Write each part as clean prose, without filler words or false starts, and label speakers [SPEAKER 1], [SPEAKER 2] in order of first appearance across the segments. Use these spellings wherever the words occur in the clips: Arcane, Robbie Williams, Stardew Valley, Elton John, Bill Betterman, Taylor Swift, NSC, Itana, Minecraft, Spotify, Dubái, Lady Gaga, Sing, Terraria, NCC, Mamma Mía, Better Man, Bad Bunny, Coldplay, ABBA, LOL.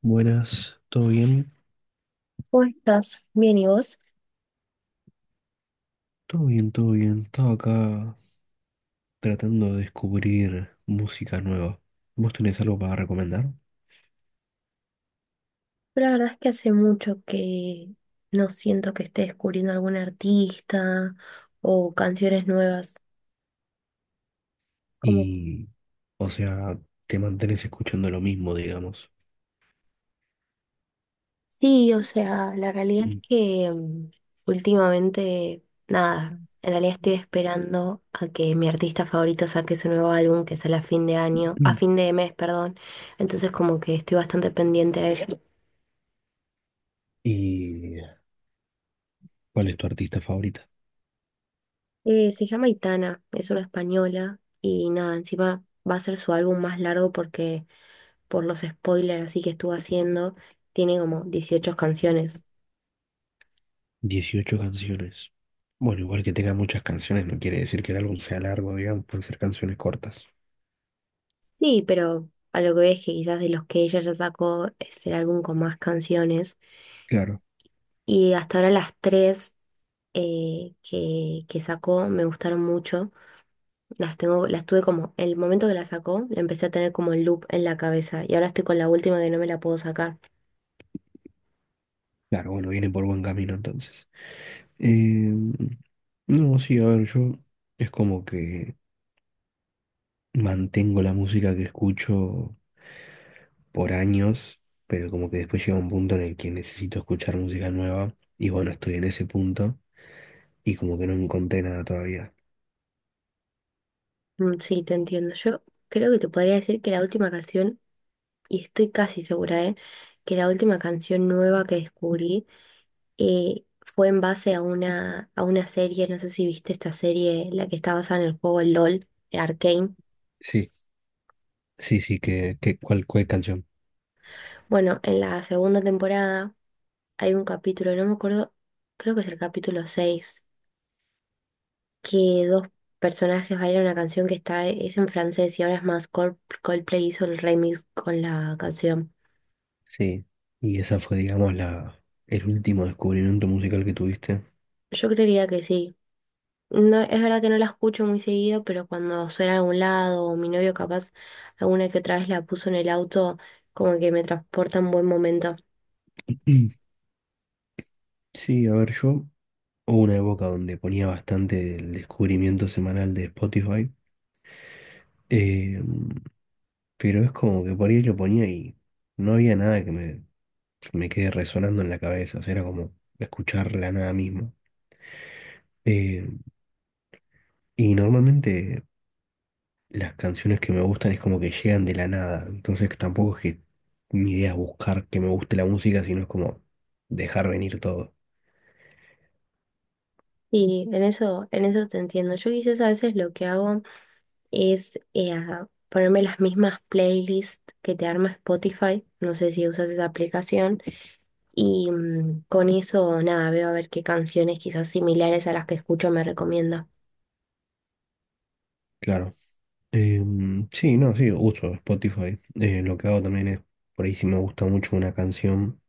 [SPEAKER 1] Buenas, ¿todo bien?
[SPEAKER 2] ¿Cómo estás? Bien, ¿y vos?
[SPEAKER 1] Todo bien, todo bien. Estaba acá tratando de descubrir música nueva. ¿Vos tenés algo para recomendar?
[SPEAKER 2] Yo La verdad es que hace mucho que no siento que esté descubriendo algún artista o canciones nuevas. Como,
[SPEAKER 1] Y, o sea, te mantenés escuchando lo mismo, digamos.
[SPEAKER 2] sí, o sea, la realidad es
[SPEAKER 1] Y,
[SPEAKER 2] que últimamente, nada, en realidad estoy esperando a que mi artista favorito saque su nuevo álbum que sale a fin de año, a fin de mes, perdón. Entonces como que estoy bastante pendiente a eso.
[SPEAKER 1] y ¿cuál es tu artista favorita?
[SPEAKER 2] Se llama Itana, es una española y nada, encima va a ser su álbum más largo porque por los spoilers así que estuvo haciendo, tiene como 18 canciones.
[SPEAKER 1] 18 canciones. Bueno, igual que tenga muchas canciones no quiere decir que el álbum sea largo, digamos, pueden ser canciones cortas.
[SPEAKER 2] Sí, pero a lo que veo es que quizás de los que ella ya sacó es el álbum con más canciones.
[SPEAKER 1] Claro.
[SPEAKER 2] Y hasta ahora las tres que sacó me gustaron mucho. Las tengo, las tuve como, el momento que la sacó, la empecé a tener como el loop en la cabeza. Y ahora estoy con la última que no me la puedo sacar.
[SPEAKER 1] Claro, bueno, viene por buen camino entonces. Eh, no, sí, a ver, yo es como que... Mantengo la música que escucho por años, pero como que después llega un punto en el que necesito escuchar música nueva. Y bueno, estoy en ese punto y como que no encontré nada todavía.
[SPEAKER 2] Mm, sí, te entiendo. Yo creo que te podría decir que la última canción, y estoy casi segura, ¿eh? Que la última canción nueva que descubrí fue en base a una serie, no sé si viste esta serie, la que está basada en el juego LOL, Arcane.
[SPEAKER 1] Sí, sí, sí, que ¿cuál, cuál canción?
[SPEAKER 2] Bueno, en la segunda temporada hay un capítulo, no me acuerdo, creo que es el capítulo 6 que dos personajes bailan una canción que está, es en francés y ahora es más Coldplay hizo el remix con la canción.
[SPEAKER 1] Sí. Y esa fue, digamos, la, el último descubrimiento musical que tuviste.
[SPEAKER 2] Yo creería que sí. No, es verdad que no la escucho muy seguido, pero cuando suena a algún lado, o mi novio capaz alguna que otra vez la puso en el auto, como que me transporta a un buen momento.
[SPEAKER 1] Mm. Sí, a ver, yo hubo una época donde ponía bastante el descubrimiento semanal de Spotify. Eh, Pero es como que por ahí lo ponía y no había nada que me quede resonando en la cabeza. O sea, era como escuchar la nada misma. Eh, y normalmente las canciones que me gustan es como que llegan de la nada. Entonces tampoco es que mi idea es buscar que me guste la música, sino es como dejar venir todo.
[SPEAKER 2] Y en eso te entiendo. Yo quizás a veces lo que hago es ponerme las mismas playlists que te arma Spotify, no sé si usas esa aplicación, y con eso nada, veo a ver qué canciones quizás similares a las que escucho me recomienda.
[SPEAKER 1] Claro. Sí, no, sí, uso Spotify. Lo que hago también es, por ahí si me gusta mucho una canción,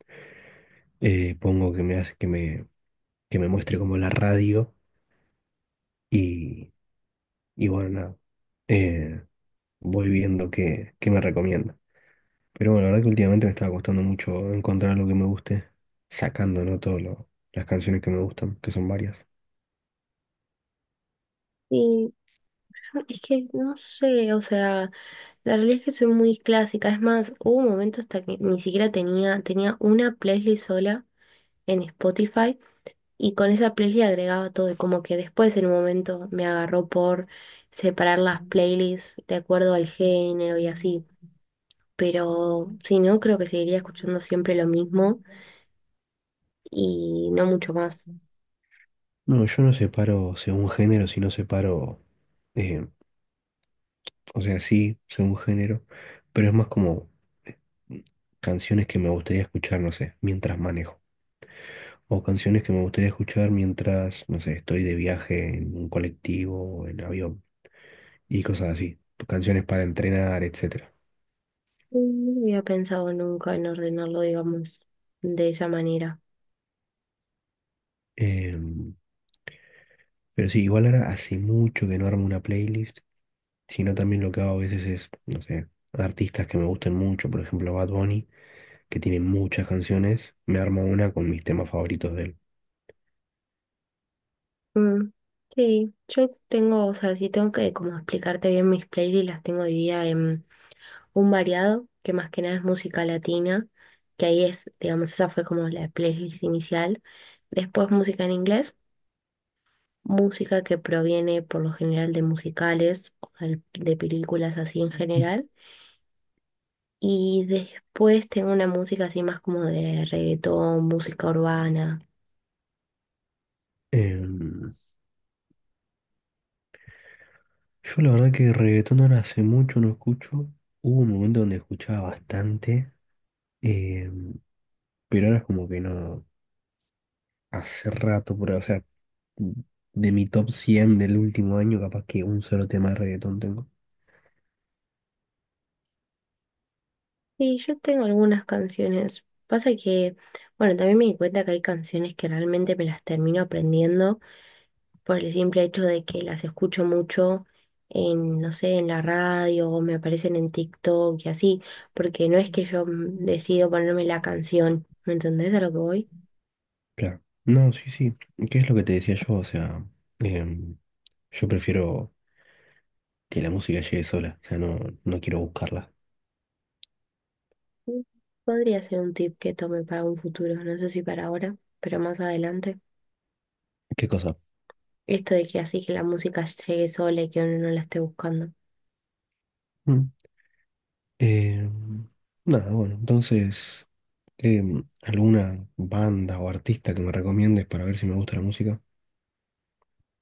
[SPEAKER 1] pongo que me hace que me muestre como la radio y, y bueno, nada. Eh, voy viendo qué, qué me recomienda. Pero bueno, la verdad que últimamente me estaba costando mucho encontrar algo que me guste, sacando, ¿no? Todas las canciones que me gustan, que son varias.
[SPEAKER 2] Y es que no sé, o sea... La realidad es que soy muy clásica, es más, hubo un momento hasta que ni siquiera tenía una playlist sola en Spotify y con esa playlist agregaba todo y como que después en un momento me agarró por separar las playlists de acuerdo al género y así, pero si no, creo que seguiría escuchando siempre lo mismo y no mucho más.
[SPEAKER 1] No, yo no separo según género, sino separo, eh, o sea, sí, según género, pero es más como eh, canciones que me gustaría escuchar, no sé, mientras manejo. O canciones que me gustaría escuchar mientras, no sé, estoy de viaje en un colectivo o en avión, y cosas así, canciones para entrenar, etcétera.
[SPEAKER 2] Mm, no había pensado nunca en ordenarlo, digamos, de esa manera.
[SPEAKER 1] Em, pero sí, igual ahora hace mucho que no armo una playlist, sino también lo que hago a veces es, no sé, artistas que me gusten mucho, por ejemplo Bad Bunny, que tiene muchas canciones, me armo una con mis temas favoritos de él.
[SPEAKER 2] Mm, sí, yo tengo, o sea, sí tengo que como explicarte bien mis playlists, las tengo divididas en un variado, que más que nada es música latina, que ahí es, digamos, esa fue como la playlist inicial. Después música en inglés, música que proviene por lo general de musicales, o de películas así en general. Y después tengo una música así más como de reggaetón, música urbana.
[SPEAKER 1] Em, yo la verdad que reggaetón ahora hace mucho no escucho, hubo un momento donde escuchaba bastante, em, pero ahora es como que no. Hace rato, pero, o sea, de mi top 100 del último año, capaz que un solo tema de reggaetón tengo.
[SPEAKER 2] Sí, yo tengo algunas canciones. Pasa que, bueno, también me di cuenta que hay canciones que realmente me las termino aprendiendo por el simple hecho de que las escucho mucho en, no sé, en la radio o me aparecen en TikTok y así, porque no es que yo decido ponerme la canción, ¿me entendés a lo que voy?
[SPEAKER 1] Claro. No, sí, sí. ¿Qué es lo que te decía yo? O sea, em, yo prefiero que la música llegue sola. O sea, no, no quiero buscarla.
[SPEAKER 2] Mm, podría ser un tip que tome para un futuro, no sé si para ahora, pero más adelante.
[SPEAKER 1] ¿Qué cosa?
[SPEAKER 2] Esto de que así que la música llegue sola y que uno no la esté buscando.
[SPEAKER 1] Mm. Em, nada, bueno, entonces, ¿alguna banda o artista que me recomiendes para ver si me gusta la música?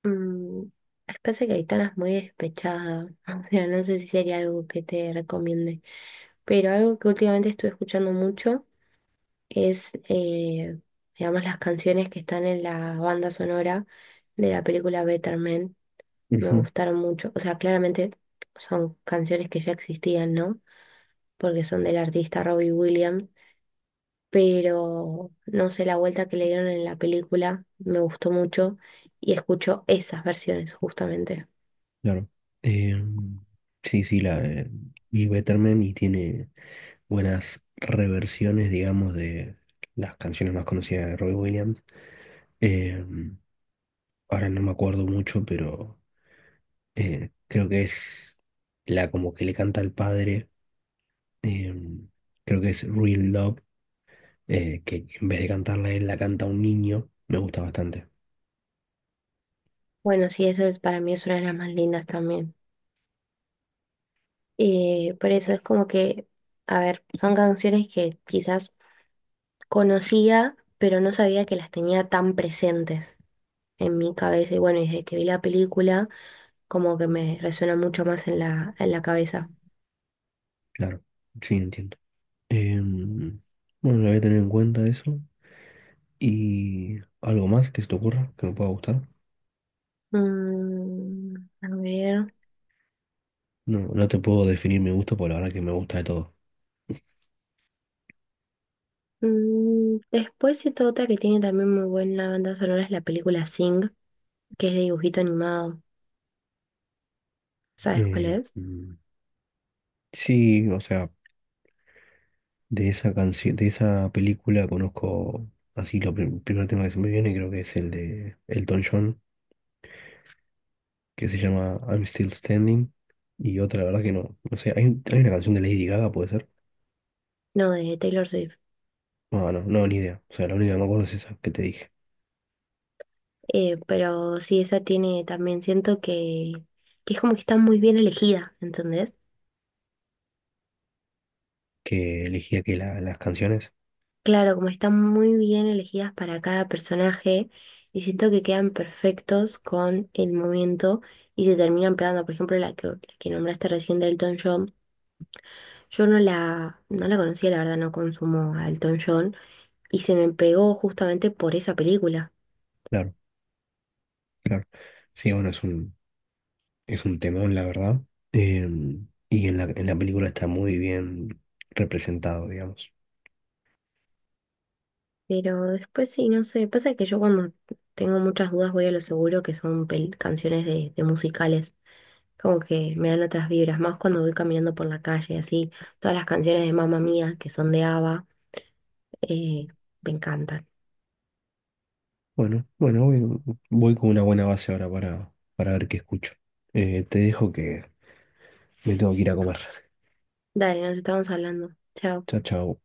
[SPEAKER 2] Mm, Pasa que Aitana es muy despechadas o sea, no sé si sería algo que te recomiende, pero algo que últimamente estuve escuchando mucho es, digamos, las canciones que están en la banda sonora de la película Better Man, me
[SPEAKER 1] Ujú.
[SPEAKER 2] gustaron mucho, o sea, claramente son canciones que ya existían, ¿no? Porque son del artista Robbie Williams, pero no sé, la vuelta que le dieron en la película me gustó mucho y escucho esas versiones justamente.
[SPEAKER 1] Claro. Em, sí, sí, Bill Betterman y tiene buenas reversiones, digamos, de las canciones más conocidas de Robbie Williams. Em, ahora no me acuerdo mucho, pero creo que es la como que le canta al padre. em, creo que es Real Love, que en vez de cantarla a él, la canta a un niño. Me gusta bastante.
[SPEAKER 2] Bueno, sí, esa es, para mí es una de las más lindas también. Por eso es como que, a ver, son canciones que quizás conocía, pero no sabía que las tenía tan presentes en mi cabeza. Y bueno, desde que vi la película, como que me resuena mucho más en en la cabeza.
[SPEAKER 1] Claro, sí, entiendo. Em, bueno, lo voy a tener en cuenta eso. ¿Y algo más que se te ocurra que me pueda gustar?
[SPEAKER 2] Mm, a ver.
[SPEAKER 1] No, no te puedo definir mi gusto, por la verdad que me gusta de todo.
[SPEAKER 2] Mm, después esta otra que tiene también muy buena banda sonora es la película Sing, que es de dibujito animado. ¿Sabes cuál
[SPEAKER 1] Eh,
[SPEAKER 2] es?
[SPEAKER 1] mm, sí, o sea, de esa canción, de esa película conozco así lo primer tema que se me viene, creo que es el de Elton John, que se llama I'm Still Standing. Y otra, la verdad que no, no sé, hay, hay una canción de Lady Gaga, ¿puede ser?
[SPEAKER 2] No, de Taylor Swift.
[SPEAKER 1] No, no, no, ni idea. O sea, la única que me acuerdo es esa que te dije,
[SPEAKER 2] Pero sí, esa tiene también, siento que es como que está muy bien elegida, ¿entendés?
[SPEAKER 1] que elegía que las canciones.
[SPEAKER 2] Claro, como están muy bien elegidas para cada personaje y siento que quedan perfectos con el momento y se terminan pegando, por ejemplo, la que nombraste recién de Elton John, yo no no la conocía, la verdad no consumo a Elton John y se me pegó justamente por esa película.
[SPEAKER 1] Claro, claro. Sí, bueno, es un, es un temón, la verdad. Y en la película está muy bien representado, digamos.
[SPEAKER 2] Pero después sí, no sé, pasa que yo cuando tengo muchas dudas voy a lo seguro que son canciones de musicales. Como que me dan otras vibras, más cuando voy caminando por la calle, así. Todas las canciones de Mamma Mía, que son de ABBA, eh, me encantan.
[SPEAKER 1] Bueno, bueno, voy, voy con una buena base ahora para ver qué escucho. Te dejo que me tengo que ir a comer.
[SPEAKER 2] Dale, nos estamos hablando. Chao.
[SPEAKER 1] Chao, chao.